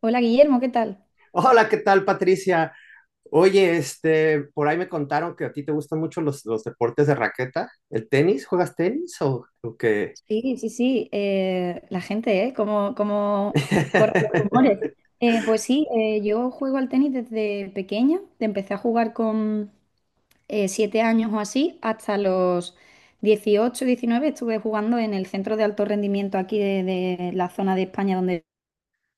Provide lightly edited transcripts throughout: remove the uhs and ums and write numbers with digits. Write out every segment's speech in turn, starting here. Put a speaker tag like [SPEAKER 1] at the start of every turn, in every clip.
[SPEAKER 1] Hola Guillermo, ¿qué tal?
[SPEAKER 2] Hola, ¿qué tal, Patricia? Oye, por ahí me contaron que a ti te gustan mucho los deportes de raqueta. ¿El tenis? ¿Juegas tenis o qué?
[SPEAKER 1] Sí, sí, sí, la gente, ¿eh? ¿Cómo, cómo corren los rumores? Pues sí, yo juego al tenis desde pequeña, empecé a jugar con siete años o así, hasta los 18, 19. Estuve jugando en el centro de alto rendimiento aquí de la zona de España donde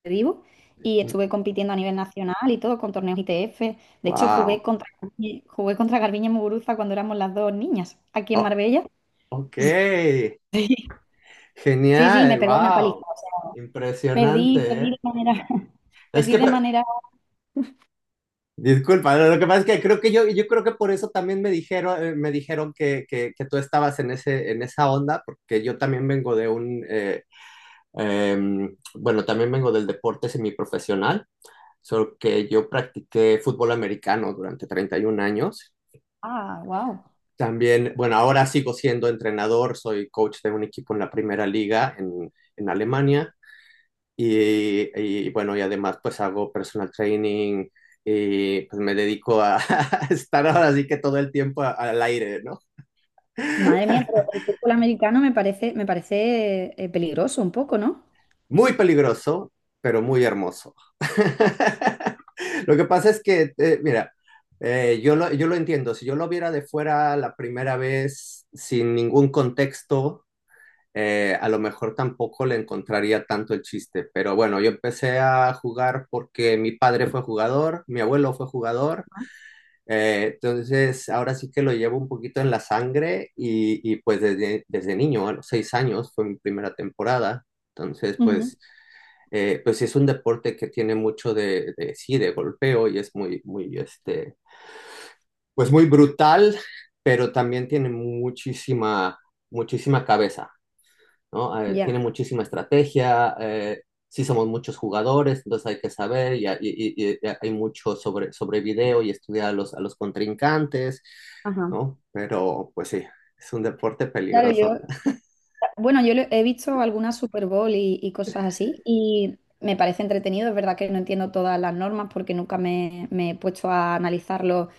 [SPEAKER 1] vivo, y estuve compitiendo a nivel nacional y todo con torneos ITF. De hecho,
[SPEAKER 2] Wow.
[SPEAKER 1] jugué contra Garbiñe Muguruza cuando éramos las dos niñas aquí en
[SPEAKER 2] Oh,
[SPEAKER 1] Marbella.
[SPEAKER 2] ok.
[SPEAKER 1] Sí, sí, me
[SPEAKER 2] Genial.
[SPEAKER 1] pegó una paliza.
[SPEAKER 2] Wow. Impresionante,
[SPEAKER 1] Perdí
[SPEAKER 2] ¿eh?
[SPEAKER 1] de manera,
[SPEAKER 2] Es
[SPEAKER 1] perdí
[SPEAKER 2] que,
[SPEAKER 1] de manera.
[SPEAKER 2] disculpa, lo que pasa es que creo que yo creo que por eso también me dijeron que tú estabas en en esa onda, porque yo también vengo de un, bueno, también vengo del deporte semiprofesional. Solo que yo practiqué fútbol americano durante 31 años.
[SPEAKER 1] Ah, wow.
[SPEAKER 2] También, bueno, ahora sigo siendo entrenador, soy coach de un equipo en la primera liga en Alemania y bueno, y además pues hago personal training y pues me dedico a, a estar ahora así que todo el tiempo al aire, ¿no?
[SPEAKER 1] Madre mía, pero el fútbol americano me parece peligroso un poco, ¿no?
[SPEAKER 2] Muy peligroso, pero muy hermoso. Lo que pasa es que, mira, yo lo entiendo. Si yo lo viera de fuera la primera vez sin ningún contexto, a lo mejor tampoco le encontraría tanto el chiste. Pero bueno, yo empecé a jugar porque mi padre fue jugador, mi abuelo fue jugador. Entonces, ahora sí que lo llevo un poquito en la sangre y pues desde niño, a los seis años, fue mi primera temporada. Entonces,
[SPEAKER 1] Ujú.
[SPEAKER 2] pues pues sí es un deporte que tiene mucho sí, de golpeo y es muy, muy, pues muy brutal, pero también tiene muchísima, muchísima cabeza, ¿no? Tiene
[SPEAKER 1] Ya.
[SPEAKER 2] muchísima estrategia, sí somos muchos jugadores, entonces hay que saber hay mucho sobre video y estudiar a a los contrincantes,
[SPEAKER 1] Ajá.
[SPEAKER 2] ¿no? Pero pues sí, es un deporte
[SPEAKER 1] Claro,
[SPEAKER 2] peligroso.
[SPEAKER 1] yo. Bueno, yo le- he visto algunas Super Bowl y cosas así y me parece entretenido. Es verdad que no entiendo todas las normas porque nunca me, me he puesto a analizarlo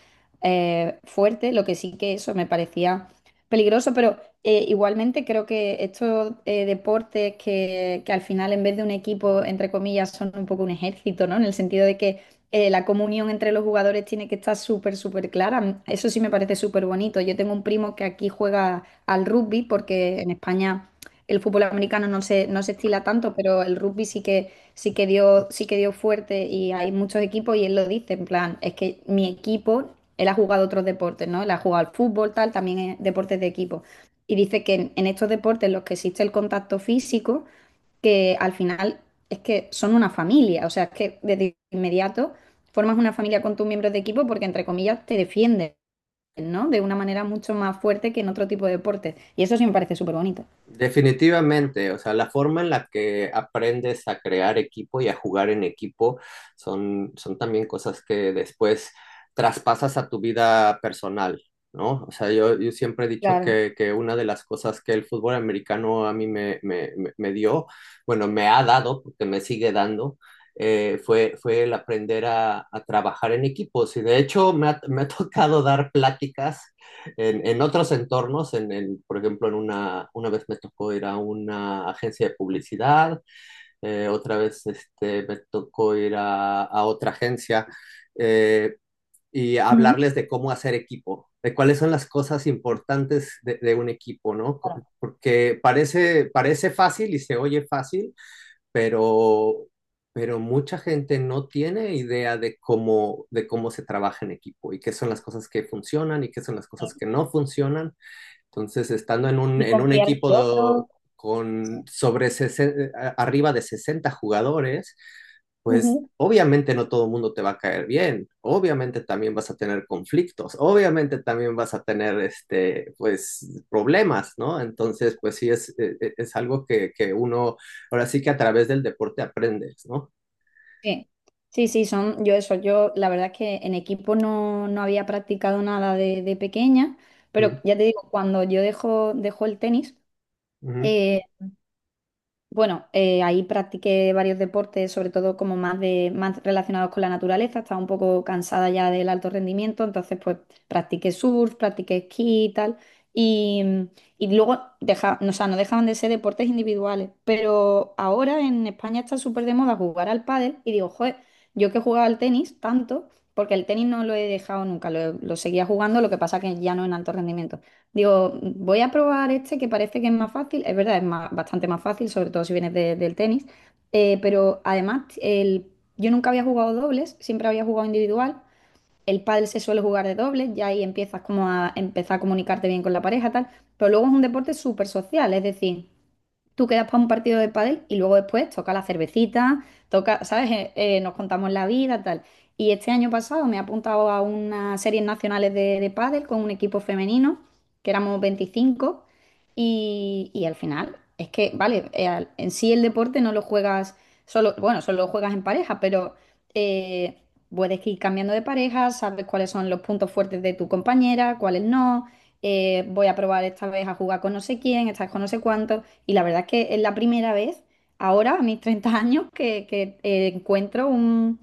[SPEAKER 1] fuerte. Lo que sí que eso me parecía peligroso, pero igualmente creo que estos deportes que al final en vez de un equipo, entre comillas, son un poco un ejército, ¿no? En el sentido de que la comunión entre los jugadores tiene que estar súper, súper clara. Eso sí me parece súper bonito. Yo tengo un primo que aquí juega al rugby, porque en España el fútbol americano no se, no se estila tanto, pero el rugby sí que dio fuerte y hay muchos equipos y él lo dice, en plan, es que mi equipo, él ha jugado otros deportes, ¿no? Él ha jugado al fútbol, tal, también es deportes de equipo. Y dice que en estos deportes en los que existe el contacto físico, que al final es que son una familia, o sea, es que desde inmediato formas una familia con tus miembros de equipo porque, entre comillas, te defienden. ¿No? De una manera mucho más fuerte que en otro tipo de deportes. Y eso sí me parece súper bonito.
[SPEAKER 2] Definitivamente, o sea, la forma en la que aprendes a crear equipo y a jugar en equipo son, son también cosas que después traspasas a tu vida personal, ¿no? O sea, yo siempre he dicho
[SPEAKER 1] Claro.
[SPEAKER 2] que una de las cosas que el fútbol americano a mí me dio, bueno, me ha dado, porque me sigue dando, fue el aprender a trabajar en equipos. Y de hecho me ha tocado dar pláticas en otros entornos, por ejemplo, en una vez me tocó ir a una agencia de publicidad, otra vez este, me tocó ir a otra agencia eh, y
[SPEAKER 1] Ujú.
[SPEAKER 2] hablarles de cómo hacer equipo, de cuáles son las cosas importantes de un equipo, ¿no?
[SPEAKER 1] Claro.
[SPEAKER 2] Porque parece, parece fácil y se oye fácil, pero, pero mucha gente no tiene idea de cómo se trabaja en equipo y qué son las cosas que funcionan y qué son las cosas
[SPEAKER 1] Sí.
[SPEAKER 2] que no funcionan. Entonces, estando
[SPEAKER 1] Y
[SPEAKER 2] en un
[SPEAKER 1] confiar en el otro.
[SPEAKER 2] con
[SPEAKER 1] Sí.
[SPEAKER 2] arriba de 60 jugadores, pues
[SPEAKER 1] Ujú.
[SPEAKER 2] obviamente no todo el mundo te va a caer bien, obviamente también vas a tener conflictos, obviamente también vas a tener este, pues, problemas, ¿no? Entonces, pues sí, es algo que uno, ahora sí que a través del deporte aprendes, ¿no?
[SPEAKER 1] Sí, sí, sí, son yo eso. Yo la verdad es que en equipo no, no había practicado nada de, de pequeña, pero
[SPEAKER 2] Mm,
[SPEAKER 1] ya te digo, cuando yo dejo, dejo el tenis,
[SPEAKER 2] ujú.
[SPEAKER 1] eh, bueno, ahí practiqué varios deportes, sobre todo como más de, más relacionados con la naturaleza. Estaba un poco cansada ya del alto rendimiento, entonces pues practiqué surf, practiqué esquí y tal. Y, y luego deja, no, o sea, no dejaban de ser deportes individuales. Pero ahora en España está súper de moda jugar al pádel y digo, joder, yo que jugaba al tenis tanto, porque el tenis no lo he dejado nunca, lo seguía jugando, lo que pasa que ya no en alto rendimiento. Digo, voy a probar este que parece que es más fácil. Es verdad, es más- bastante más fácil, sobre todo si vienes de- del tenis. Pero además, el, yo nunca había jugado dobles, siempre había jugado individual. El pádel se suele jugar de dobles, ya ahí empiezas como a empezar a comunicarte bien con la pareja, tal. Pero luego es un deporte súper social, es decir, tú quedas para un partido de pádel y luego después toca la cervecita, toca, ¿sabes? Nos contamos la vida, tal. Y este año pasado me he apuntado a unas series nacionales de pádel con un equipo femenino, que éramos 25, y al final es que, vale, al- en sí el deporte no lo juegas solo, bueno, solo lo juegas en pareja, pero eh, puedes ir cambiando de pareja, sabes cuáles son los puntos fuertes de tu compañera, cuáles no. Voy a probar esta vez a jugar con no sé quién, esta vez con no sé cuánto. Y la verdad que es la primera vez, ahora a mis 30 años, que, encuentro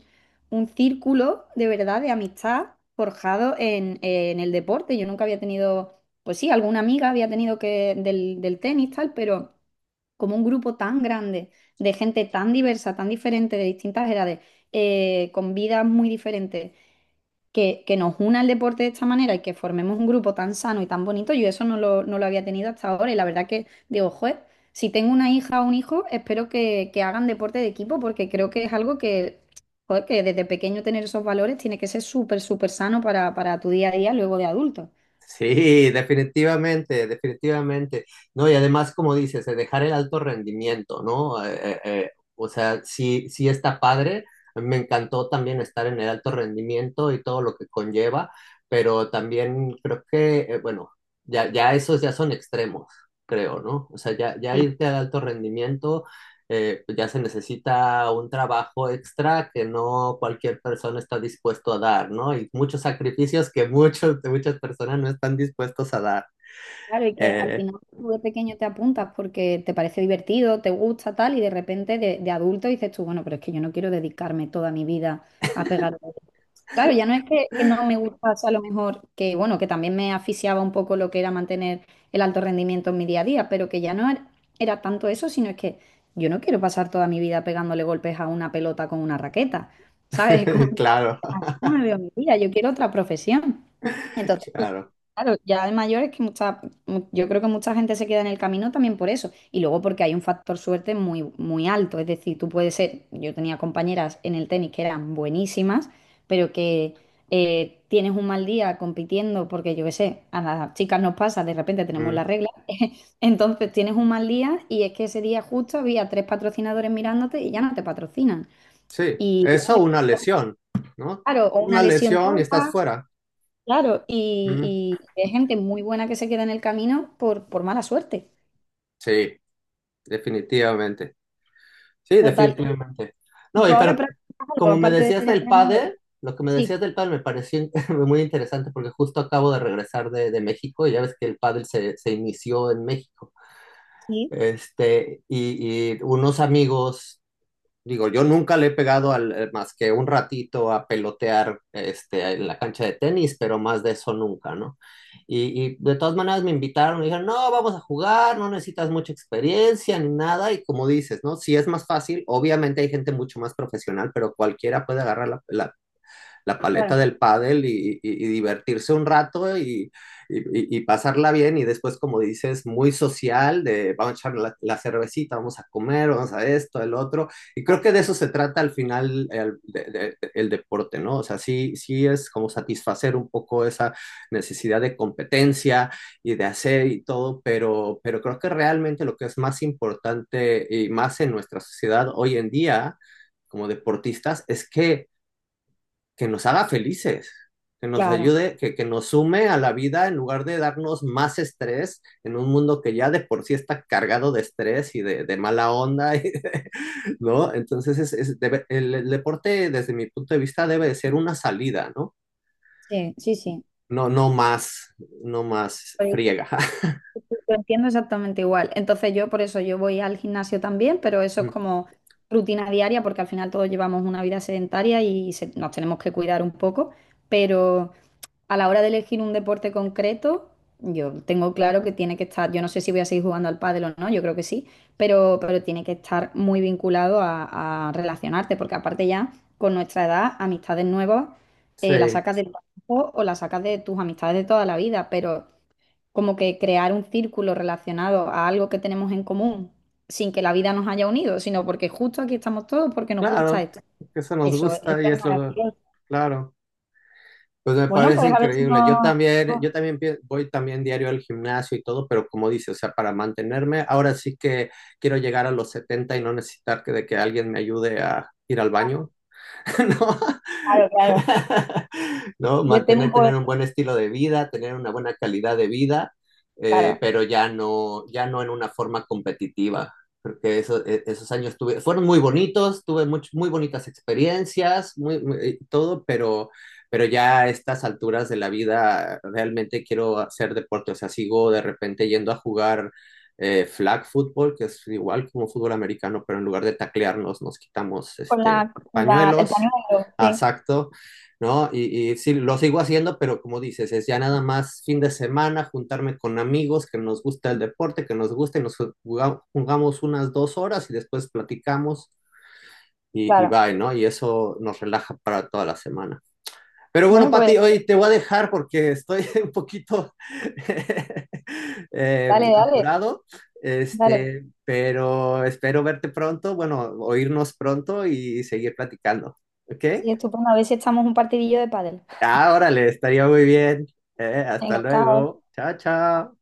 [SPEAKER 1] un círculo de verdad de amistad forjado en el deporte. Yo nunca había tenido, pues sí, alguna amiga había tenido que del, del tenis, tal, pero como un grupo tan grande, de gente tan diversa, tan diferente, de distintas edades, con vidas muy diferentes que nos una el deporte de esta manera y que formemos un grupo tan sano y tan bonito, yo eso no lo, no lo había tenido hasta ahora y la verdad que digo, joder, si tengo una hija o un hijo, espero que hagan deporte de equipo porque creo que es algo que, joder, que desde pequeño tener esos valores tiene que ser súper, súper sano para tu día a día luego de adulto.
[SPEAKER 2] Sí, definitivamente, definitivamente. No, y además, como dices, dejar el alto rendimiento, ¿no? O sea, sí, sí está padre. A mí me encantó también estar en el alto rendimiento y todo lo que conlleva, pero también creo que, bueno, ya esos ya son extremos, creo, ¿no? O sea, ya irte al alto rendimiento pues ya se necesita un trabajo extra que no cualquier persona está dispuesto a dar, ¿no? Y muchos sacrificios que muchas personas no están dispuestos a dar.
[SPEAKER 1] Claro, y que al
[SPEAKER 2] Eh,
[SPEAKER 1] final tú de pequeño te apuntas porque te parece divertido, te gusta tal, y de repente de adulto dices tú, bueno, pero es que yo no quiero dedicarme toda mi vida a pegar. Claro, ya no es que no me gustase a lo mejor, que bueno, que también me asfixiaba un poco lo que era mantener el alto rendimiento en mi día a día, pero que ya no era, era tanto eso, sino es que yo no quiero pasar toda mi vida pegándole golpes a una pelota con una raqueta, ¿sabes?
[SPEAKER 2] claro,
[SPEAKER 1] Yo me veo mi vida, yo quiero otra profesión. Entonces, pues,
[SPEAKER 2] claro.
[SPEAKER 1] claro, ya de mayor es que mucha, mu- yo creo que mucha gente se queda en el camino también por eso. Y luego porque hay un factor suerte muy, muy alto. Es decir, tú puedes ser, yo tenía compañeras en el tenis que eran buenísimas, pero que tienes un mal día compitiendo porque yo qué sé, a las chicas nos pasa, de repente tenemos la
[SPEAKER 2] Mm,
[SPEAKER 1] regla. Entonces tienes un mal día y es que ese día justo había tres patrocinadores mirándote y ya no te patrocinan.
[SPEAKER 2] sí,
[SPEAKER 1] Y
[SPEAKER 2] eso una lesión, ¿no?
[SPEAKER 1] claro, o una
[SPEAKER 2] Una
[SPEAKER 1] lesión
[SPEAKER 2] lesión y estás
[SPEAKER 1] tonta,
[SPEAKER 2] fuera.
[SPEAKER 1] claro,
[SPEAKER 2] Mm,
[SPEAKER 1] y hay gente muy buena que se queda en el camino por mala suerte.
[SPEAKER 2] sí, definitivamente. Sí,
[SPEAKER 1] Total.
[SPEAKER 2] definitivamente.
[SPEAKER 1] ¿Y
[SPEAKER 2] No,
[SPEAKER 1] tú
[SPEAKER 2] y
[SPEAKER 1] ahora
[SPEAKER 2] pero
[SPEAKER 1] practicas algo
[SPEAKER 2] como me
[SPEAKER 1] aparte de
[SPEAKER 2] decías
[SPEAKER 1] ser
[SPEAKER 2] del
[SPEAKER 1] entrenador?
[SPEAKER 2] pádel, lo que me
[SPEAKER 1] Sí,
[SPEAKER 2] decías del pádel me pareció muy interesante porque justo acabo de regresar de México y ya ves que el pádel se inició en México.
[SPEAKER 1] sí,
[SPEAKER 2] Este, y unos amigos. Digo, yo nunca le he pegado al, más que un ratito a pelotear este, en la cancha de tenis, pero más de eso nunca, ¿no? Y de todas maneras me invitaron, me dijeron, no, vamos a jugar, no necesitas mucha experiencia ni nada, y como dices, ¿no? Si es más fácil, obviamente hay gente mucho más profesional, pero cualquiera puede agarrar la paleta
[SPEAKER 1] claro,
[SPEAKER 2] del pádel y divertirse un rato y pasarla bien y después, como dices, muy social, de vamos a echar cervecita, vamos a comer, vamos a esto, el otro. Y creo que de eso se trata al final el deporte, ¿no? O sea, sí es como satisfacer un poco esa necesidad de competencia y de hacer y todo, pero creo que realmente lo que es más importante y más en nuestra sociedad hoy en día como deportistas es que nos haga felices, que nos
[SPEAKER 1] claro.
[SPEAKER 2] ayude, que nos sume a la vida en lugar de darnos más estrés en un mundo que ya de por sí está cargado de estrés y de mala onda, y de... ¿no? Entonces el deporte desde mi punto de vista debe de ser una salida, ¿no?
[SPEAKER 1] Sí, sí, sí.
[SPEAKER 2] No, no más, no más
[SPEAKER 1] Pues,
[SPEAKER 2] friega.
[SPEAKER 1] lo entiendo exactamente igual. Entonces yo por eso yo voy al gimnasio también, pero eso es como rutina diaria porque al final todos llevamos una vida sedentaria y se- nos tenemos que cuidar un poco, pero... A la hora de elegir un deporte concreto, yo tengo claro que tiene que estar, yo no sé si voy a seguir jugando al pádel o no, yo creo que sí, pero tiene que estar muy vinculado a relacionarte, porque aparte ya con nuestra edad, amistades nuevas, las
[SPEAKER 2] Sí,
[SPEAKER 1] sacas del trabajo o las sacas de tus amistades de toda la vida, pero como que crear un círculo relacionado a algo que tenemos en común sin que la vida nos haya unido, sino porque justo aquí estamos todos porque nos gusta
[SPEAKER 2] claro,
[SPEAKER 1] esto.
[SPEAKER 2] eso nos
[SPEAKER 1] Eso
[SPEAKER 2] gusta y
[SPEAKER 1] es
[SPEAKER 2] es lo,
[SPEAKER 1] maravilloso.
[SPEAKER 2] claro. Pues me
[SPEAKER 1] Bueno,
[SPEAKER 2] parece
[SPEAKER 1] pues a ver si
[SPEAKER 2] increíble. Yo
[SPEAKER 1] nos...
[SPEAKER 2] también, voy también diario al gimnasio y todo, pero como dice, o sea, para mantenerme, ahora sí que quiero llegar a los 70 y no necesitar que de que alguien me ayude a ir al baño, ¿no?
[SPEAKER 1] Claro, claro.
[SPEAKER 2] ¿no?
[SPEAKER 1] Yo temo
[SPEAKER 2] Mantener, tener
[SPEAKER 1] por,
[SPEAKER 2] un buen estilo de vida, tener una buena calidad de vida,
[SPEAKER 1] claro,
[SPEAKER 2] pero ya no, ya no en una forma competitiva. Porque eso, esos años tuve, fueron muy bonitos, tuve muy bonitas experiencias, todo, pero ya a estas alturas de la vida realmente quiero hacer deporte. O sea, sigo de repente yendo a jugar flag football, que es igual como fútbol americano, pero en lugar de taclearnos, nos quitamos
[SPEAKER 1] con
[SPEAKER 2] este,
[SPEAKER 1] la, la- el
[SPEAKER 2] pañuelos.
[SPEAKER 1] pañuelo,
[SPEAKER 2] Ah,
[SPEAKER 1] sí,
[SPEAKER 2] exacto, ¿no? Y sí, lo sigo haciendo, pero como dices, es ya nada más fin de semana, juntarme con amigos que nos gusta el deporte, que nos guste, nos jugamos, jugamos unas dos horas y después platicamos y
[SPEAKER 1] claro.
[SPEAKER 2] bye, ¿no? Y eso nos relaja para toda la semana. Pero bueno,
[SPEAKER 1] Bueno, pues
[SPEAKER 2] Pati, hoy te voy a dejar porque estoy un poquito
[SPEAKER 1] dale, dale,
[SPEAKER 2] apurado,
[SPEAKER 1] dale.
[SPEAKER 2] este, pero espero verte pronto, bueno, oírnos pronto y seguir platicando, ¿ok?
[SPEAKER 1] Sí, estupendo. A ver si echamos un partidillo de pádel.
[SPEAKER 2] Ah, órale, estaría muy bien. Hasta
[SPEAKER 1] Venga, chao.
[SPEAKER 2] luego. Chao, chao.